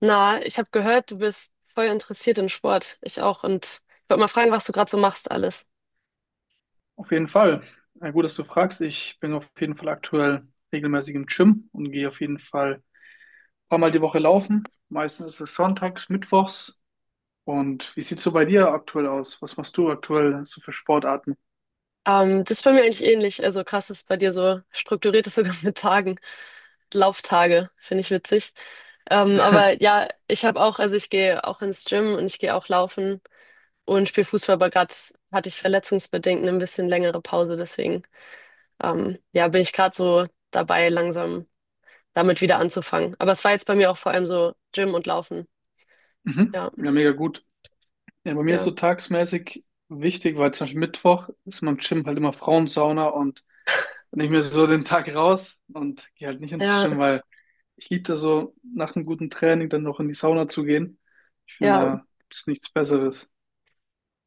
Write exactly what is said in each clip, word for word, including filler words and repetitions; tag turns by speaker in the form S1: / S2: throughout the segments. S1: Na, ich habe gehört, du bist voll interessiert in Sport. Ich auch. Und ich wollte mal fragen, was du gerade so machst alles.
S2: Auf jeden Fall. Na gut, dass du fragst. Ich bin auf jeden Fall aktuell regelmäßig im Gym und gehe auf jeden Fall ein paar Mal die Woche laufen. Meistens ist es sonntags, mittwochs. Und wie sieht's so bei dir aktuell aus? Was machst du aktuell so für Sportarten?
S1: Ähm, das ist bei mir eigentlich ähnlich. Also krass, dass bei dir so strukturiert ist sogar mit Tagen. Lauftage, finde ich witzig. Ähm, aber ja, ich habe auch, also ich gehe auch ins Gym und ich gehe auch laufen und spiele Fußball, aber gerade hatte ich verletzungsbedingt eine ein bisschen längere Pause. Deswegen, ähm, ja, bin ich gerade so dabei, langsam damit wieder anzufangen. Aber es war jetzt bei mir auch vor allem so Gym und Laufen.
S2: Mhm.
S1: Ja,
S2: Ja, mega gut. Ja, bei mir ist so
S1: ja.
S2: tagsmäßig wichtig, weil zum Beispiel Mittwoch ist in meinem Gym halt immer Frauensauna und dann nehme ich mir so den Tag raus und gehe halt nicht ins
S1: Ja,
S2: Gym, weil ich liebe das so, nach einem guten Training dann noch in die Sauna zu gehen. Ich finde,
S1: Ja,
S2: da gibt es nichts Besseres.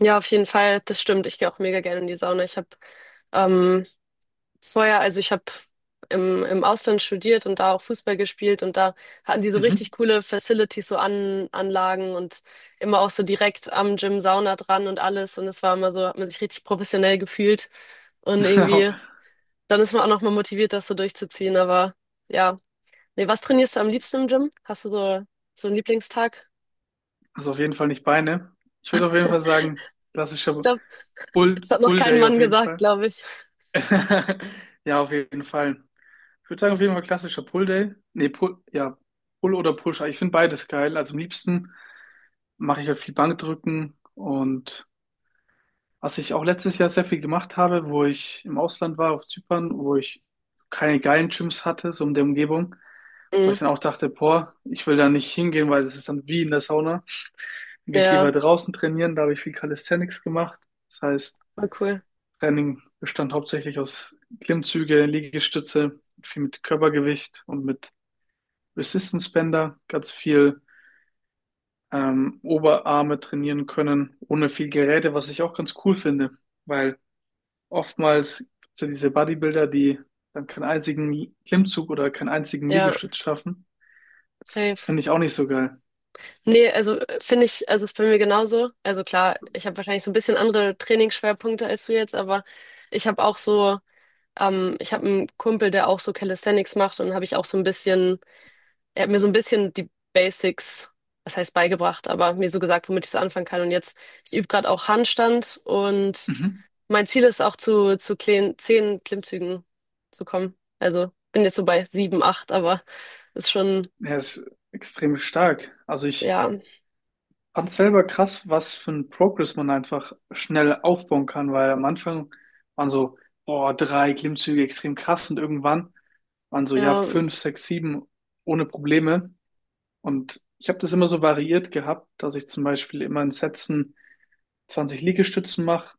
S1: ja, auf jeden Fall, das stimmt. Ich gehe auch mega gerne in die Sauna. Ich habe ähm, vorher, also ich habe im, im Ausland studiert und da auch Fußball gespielt und da hatten die so richtig
S2: Mhm.
S1: coole Facilities, so An Anlagen und immer auch so direkt am Gym Sauna dran und alles. Und es war immer so, hat man sich richtig professionell gefühlt und
S2: Genau.
S1: irgendwie, dann ist man auch nochmal motiviert, das so durchzuziehen. Aber ja, nee, was trainierst du am liebsten im Gym? Hast du so, so einen Lieblingstag?
S2: Also auf jeden Fall nicht Beine. Ich würde auf jeden Fall sagen,
S1: Ich
S2: klassischer
S1: glaube,
S2: Pull,
S1: das hat noch
S2: Pull
S1: kein
S2: Day auf
S1: Mann
S2: jeden
S1: gesagt,
S2: Fall.
S1: glaube ich.
S2: Ja, auf jeden Fall. Ich würde sagen, auf jeden Fall klassischer Pull Day. Nee, Pull, ja, Pull oder Push. Ich finde beides geil. Also am liebsten mache ich halt viel Bankdrücken. Und Was ich auch letztes Jahr sehr viel gemacht habe, wo ich im Ausland war, auf Zypern, wo ich keine geilen Gyms hatte, so in der Umgebung, wo ich
S1: Mhm.
S2: dann auch dachte, boah, ich will da nicht hingehen, weil das ist dann wie in der Sauna. Dann gehe ich
S1: Ja.
S2: lieber draußen trainieren, da habe ich viel Calisthenics gemacht. Das heißt,
S1: Voll cool.
S2: Training bestand hauptsächlich aus Klimmzüge, Liegestütze, viel mit Körpergewicht und mit Resistance Bänder, ganz viel ähm, Oberarme trainieren können, ohne viel Geräte, was ich auch ganz cool finde, weil oftmals gibt es ja diese Bodybuilder, die dann keinen einzigen Klimmzug oder keinen einzigen
S1: Ja,
S2: Liegestütz schaffen. Das
S1: safe.
S2: finde ich auch nicht so geil.
S1: Nee, also äh, finde ich, also ist bei mir genauso. Also klar, ich habe wahrscheinlich so ein bisschen andere Trainingsschwerpunkte als du jetzt, aber ich habe auch so, ähm, ich habe einen Kumpel, der auch so Calisthenics macht und habe ich auch so ein bisschen, er hat mir so ein bisschen die Basics, was heißt beigebracht, aber mir so gesagt, womit ich so anfangen kann. Und jetzt, ich übe gerade auch Handstand und
S2: Mhm.
S1: mein Ziel ist auch zu, zu kleinen, zehn Klimmzügen zu kommen. Also bin jetzt so bei sieben, acht, aber ist schon,
S2: Er ist extrem stark. Also ich
S1: ja,
S2: fand selber krass, was für ein Progress man einfach schnell aufbauen kann, weil am Anfang waren so, boah, drei Klimmzüge extrem krass, und irgendwann waren so, ja,
S1: ja.
S2: fünf, sechs, sieben ohne Probleme. Und ich habe das immer so variiert gehabt, dass ich zum Beispiel immer in Sätzen zwanzig Liegestützen mache,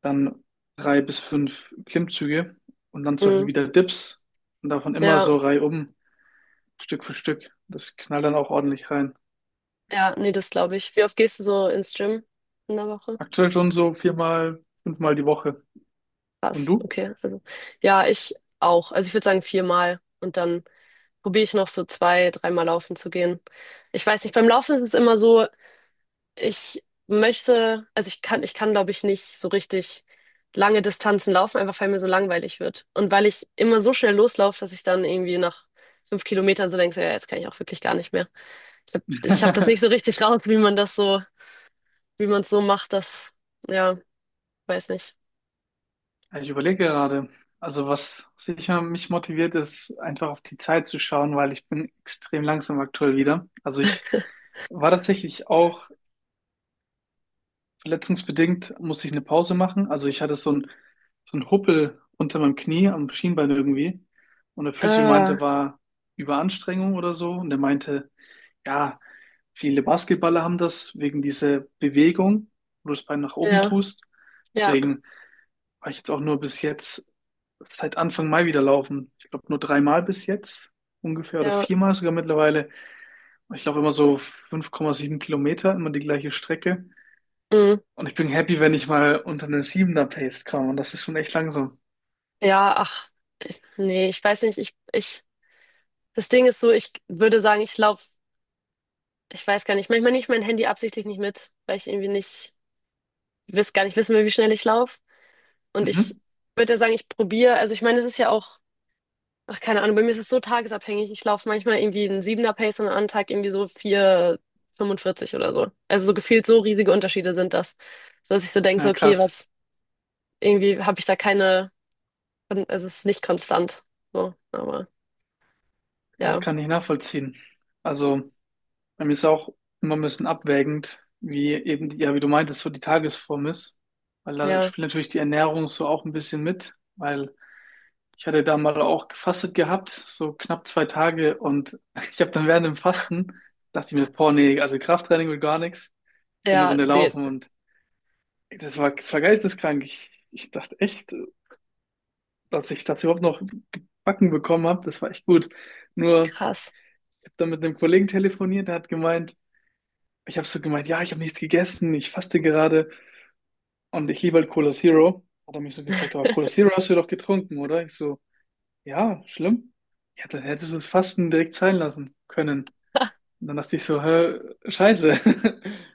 S2: dann drei bis fünf Klimmzüge und dann zum Beispiel
S1: Mhm.
S2: wieder Dips, und davon immer
S1: Ja,
S2: so reihum, Stück für Stück. Das knallt dann auch ordentlich rein.
S1: ja, nee, das glaube ich. Wie oft gehst du so ins Gym in der Woche?
S2: Aktuell schon so viermal, fünfmal die Woche. Und
S1: Krass,
S2: du?
S1: okay. Also, ja, ich auch. Also ich würde sagen viermal und dann probiere ich noch so zwei, dreimal laufen zu gehen. Ich weiß nicht, beim Laufen ist es immer so, ich möchte, also ich kann, ich kann, glaube ich, nicht so richtig lange Distanzen laufen, einfach weil mir so langweilig wird. Und weil ich immer so schnell loslaufe, dass ich dann irgendwie nach fünf Kilometern so denke, so, ja, jetzt kann ich auch wirklich gar nicht mehr. Ich habe ich hab das nicht so richtig raus, wie man das so wie man es so macht, das, ja, weiß nicht.
S2: Ich überlege gerade. Also was sicher mich motiviert, ist einfach auf die Zeit zu schauen, weil ich bin extrem langsam aktuell wieder. Also ich war tatsächlich auch verletzungsbedingt musste ich eine Pause machen. Also ich hatte so ein, so ein Huppel unter meinem Knie, am Schienbein irgendwie. Und der Physio meinte,
S1: Ah,
S2: war Überanstrengung oder so. Und er meinte, ja, viele Basketballer haben das wegen dieser Bewegung, wo du das Bein nach oben
S1: ja,
S2: tust.
S1: ja,
S2: Deswegen war ich jetzt auch nur bis jetzt seit Anfang Mai wieder laufen. Ich glaube nur dreimal bis jetzt ungefähr oder
S1: ja,
S2: viermal sogar mittlerweile. Ich laufe immer so 5,7 Kilometer, immer die gleiche Strecke.
S1: mm,
S2: Und ich bin happy, wenn ich mal unter eine sieben Pace komme. Und das ist schon echt langsam.
S1: ja, ach, nee, ich weiß nicht, ich, ich, das Ding ist so, ich würde sagen, ich laufe, ich weiß gar nicht, manchmal nehme ich mein Handy absichtlich nicht mit, weil ich irgendwie nicht, wiss, gar nicht wissen will, wie schnell ich laufe. Und ich
S2: Mhm.
S1: würde ja sagen, ich probiere, also ich meine, es ist ja auch, ach, keine Ahnung, bei mir ist es so tagesabhängig, ich laufe manchmal irgendwie einen Siebener Pace und an einem Tag irgendwie so vier fünfundvierzig oder so. Also so gefühlt so riesige Unterschiede sind das, so dass ich so denke, so,
S2: Na
S1: okay,
S2: krass.
S1: was irgendwie habe ich da keine, es ist nicht konstant. So, aber
S2: Ja,
S1: ja,
S2: kann ich nachvollziehen. Also, bei mir ist auch immer ein bisschen abwägend, wie eben, die- ja, wie du meintest, so die Tagesform ist. Weil da
S1: ja,
S2: spielt natürlich die Ernährung so auch ein bisschen mit. Weil ich hatte da mal auch gefastet gehabt, so knapp zwei Tage. Und ich habe dann während dem Fasten, dachte ich mir, boah, nee, also Krafttraining will gar nichts. Ich gehe eine
S1: ja,
S2: Runde
S1: nee,
S2: laufen und das war, das war geisteskrank. Ich, ich dachte echt, dass ich das überhaupt noch gebacken bekommen habe. Das war echt gut. Nur,
S1: krass.
S2: ich habe dann mit einem Kollegen telefoniert, der hat gemeint, ich habe so gemeint, ja, ich habe nichts gegessen, ich faste gerade und ich liebe halt Cola Zero. Hat er mich so gefragt, aber Cola Zero hast du ja doch getrunken, oder? Ich so, ja, schlimm. Ja, dann hättest du das Fasten direkt sein lassen können. Und dann dachte ich so, hä, scheiße.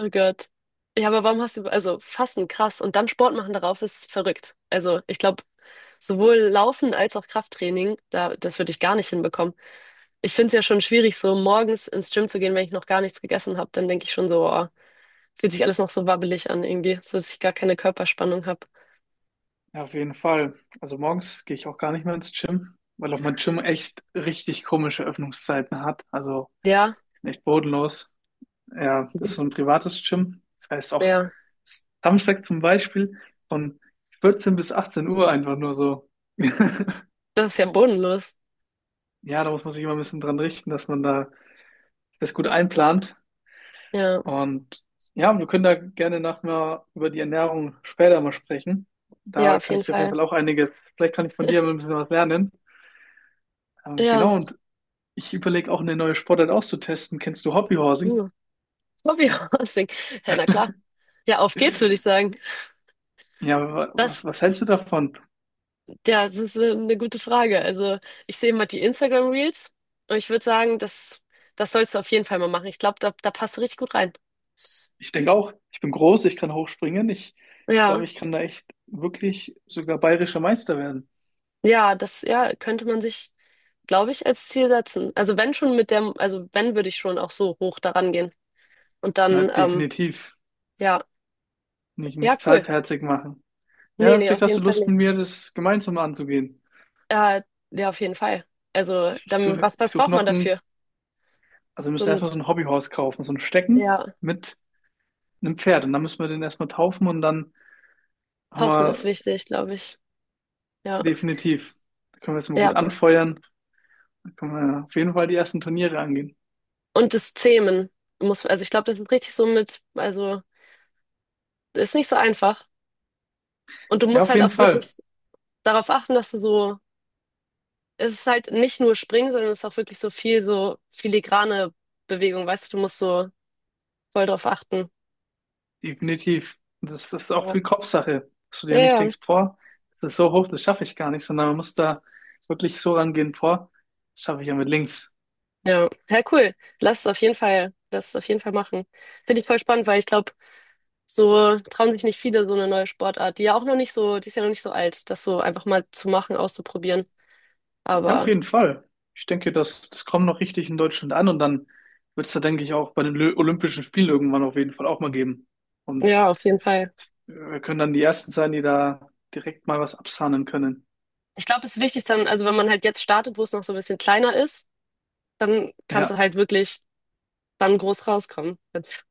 S1: Oh Gott. Ja, aber warum hast du, also Fasten, krass. Und dann Sport machen darauf ist verrückt. Also ich glaube, sowohl Laufen als auch Krafttraining, da, das würde ich gar nicht hinbekommen. Ich finde es ja schon schwierig, so morgens ins Gym zu gehen, wenn ich noch gar nichts gegessen habe. Dann denke ich schon so, oh, fühlt sich alles noch so wabbelig an irgendwie, so dass ich gar keine Körperspannung habe.
S2: Ja, auf jeden Fall. Also morgens gehe ich auch gar nicht mehr ins Gym, weil auch mein Gym echt richtig komische Öffnungszeiten hat. Also,
S1: Ja,
S2: die sind echt bodenlos. Ja, das ist so ein privates Gym. Das heißt auch
S1: ja,
S2: Samstag zum Beispiel von vierzehn bis achtzehn Uhr einfach nur so.
S1: das ist ja bodenlos.
S2: Ja, da muss man sich immer ein bisschen dran richten, dass man da das gut einplant.
S1: Ja,
S2: Und ja, wir können da gerne nachher über die Ernährung später mal sprechen.
S1: ja,
S2: Da
S1: auf
S2: kann
S1: jeden
S2: ich dir auf jeden
S1: Fall.
S2: Fall auch einiges, vielleicht kann ich von dir mal ein bisschen was lernen. Ähm,
S1: Ja,
S2: genau, und ich überlege auch eine neue Sportart auszutesten. Kennst du Hobbyhorsing?
S1: ja. Hobbyhousing. Ja, na klar. Ja, auf geht's, würde ich sagen.
S2: Ja, wa- was,
S1: Das,
S2: was hältst du davon?
S1: ja, das ist äh, eine gute Frage. Also, ich sehe immer die Instagram Reels und ich würde sagen, das, das sollst du auf jeden Fall mal machen. Ich glaube, da, da passt du richtig gut rein.
S2: Ich denke auch, ich bin groß, ich kann hochspringen. Ich glaube,
S1: Ja,
S2: ich kann da echt wirklich sogar bayerischer Meister werden.
S1: ja, das, ja, könnte man sich, glaube ich, als Ziel setzen. Also, wenn schon mit der, also, wenn würde ich schon auch so hoch daran gehen. Und
S2: Na,
S1: dann, ähm,
S2: definitiv.
S1: ja,
S2: Nicht,
S1: ja,
S2: nichts
S1: cool.
S2: halbherzig machen.
S1: Nee,
S2: Ja,
S1: nee,
S2: vielleicht
S1: auf
S2: hast
S1: jeden
S2: du
S1: Fall
S2: Lust
S1: nicht.
S2: mit mir, das gemeinsam anzugehen.
S1: Äh, ja, auf jeden Fall. Also,
S2: Ich, ich
S1: dann,
S2: suche
S1: was,
S2: ich
S1: was
S2: such
S1: braucht man
S2: noch
S1: dafür?
S2: ein, also wir
S1: So
S2: müssen
S1: ein
S2: erstmal so ein Hobbyhorse kaufen, so ein Stecken
S1: Ja,
S2: mit einem Pferd. Und dann müssen wir den erstmal taufen und dann haben
S1: hoffen ist
S2: wir
S1: wichtig, glaube ich. Ja,
S2: definitiv, da können wir es mal
S1: ja.
S2: gut anfeuern. Dann können wir auf jeden Fall die ersten Turniere angehen.
S1: Und das Zähmen muss, also ich glaube, das ist richtig so mit, also ist nicht so einfach. Und du
S2: Ja,
S1: musst
S2: auf
S1: halt
S2: jeden
S1: auch
S2: Fall.
S1: wirklich darauf achten, dass du so, es ist halt nicht nur Springen, sondern es ist auch wirklich so viel so filigrane Bewegung, weißt du, du musst so voll drauf achten.
S2: Definitiv. Und das ist auch
S1: Ja,
S2: viel Kopfsache, dass du
S1: ja,
S2: dir nicht
S1: ja.
S2: denkst, boah, das ist so hoch, das schaffe ich gar nicht, sondern man muss da wirklich so rangehen, boah, das schaffe ich ja mit links.
S1: Ja, Ja, cool. Lass es auf jeden Fall, lass es auf jeden Fall machen. Finde ich voll spannend, weil ich glaube, so trauen sich nicht viele so eine neue Sportart, die ja auch noch nicht so, die ist ja noch nicht so alt, das so einfach mal zu machen, auszuprobieren.
S2: Ja, auf
S1: Aber
S2: jeden Fall. Ich denke, das, das kommt noch richtig in Deutschland an und dann wird es da, denke ich, auch bei den Lö- Olympischen Spielen irgendwann auf jeden Fall auch mal geben. Und
S1: ja, auf jeden Fall.
S2: äh, wir können dann die Ersten sein, die da direkt mal was absahnen können.
S1: Ich glaube, es ist wichtig dann, also wenn man halt jetzt startet, wo es noch so ein bisschen kleiner ist, dann kannst du
S2: Ja,
S1: halt wirklich dann groß rauskommen. Jetzt,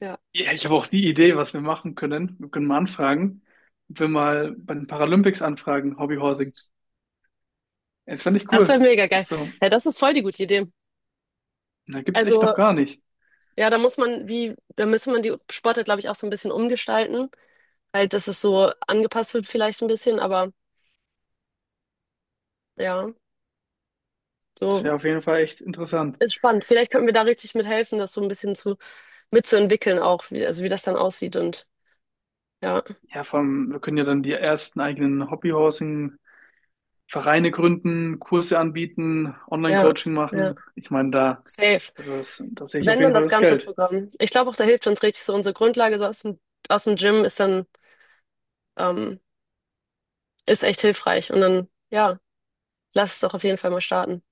S1: ja,
S2: ja ich habe auch die Idee, was wir machen können. Wir können mal anfragen, ob wir mal bei den Paralympics anfragen, Hobbyhorse. Das fand ich
S1: das wäre
S2: cool.
S1: mega geil.
S2: So,
S1: Ja, das ist voll die gute Idee.
S2: da gibt's echt noch
S1: Also
S2: gar nicht.
S1: ja, da muss man, wie, da müsste man die Sportart, glaube ich, auch so ein bisschen umgestalten. Halt, dass es so angepasst wird vielleicht ein bisschen, aber ja,
S2: Das
S1: so
S2: wäre auf jeden Fall echt interessant.
S1: ist spannend. Vielleicht könnten wir da richtig mithelfen, das so ein bisschen zu mitzuentwickeln auch, wie, also wie das dann aussieht und ja,
S2: Ja, vor allem, wir können ja dann die ersten eigenen Hobbyhousing-Vereine gründen, Kurse anbieten,
S1: ja,
S2: Online-Coaching
S1: ja,
S2: machen. Ich meine, da,
S1: safe.
S2: also das, da sehe ich auf
S1: Wenn
S2: jeden
S1: dann
S2: Fall
S1: das
S2: das
S1: ganze
S2: Geld.
S1: Programm. Ich glaube auch, da hilft uns richtig so unsere Grundlage so aus dem, aus dem Gym ist dann, ähm, ist echt hilfreich. Und dann, ja, lass es doch auf jeden Fall mal starten.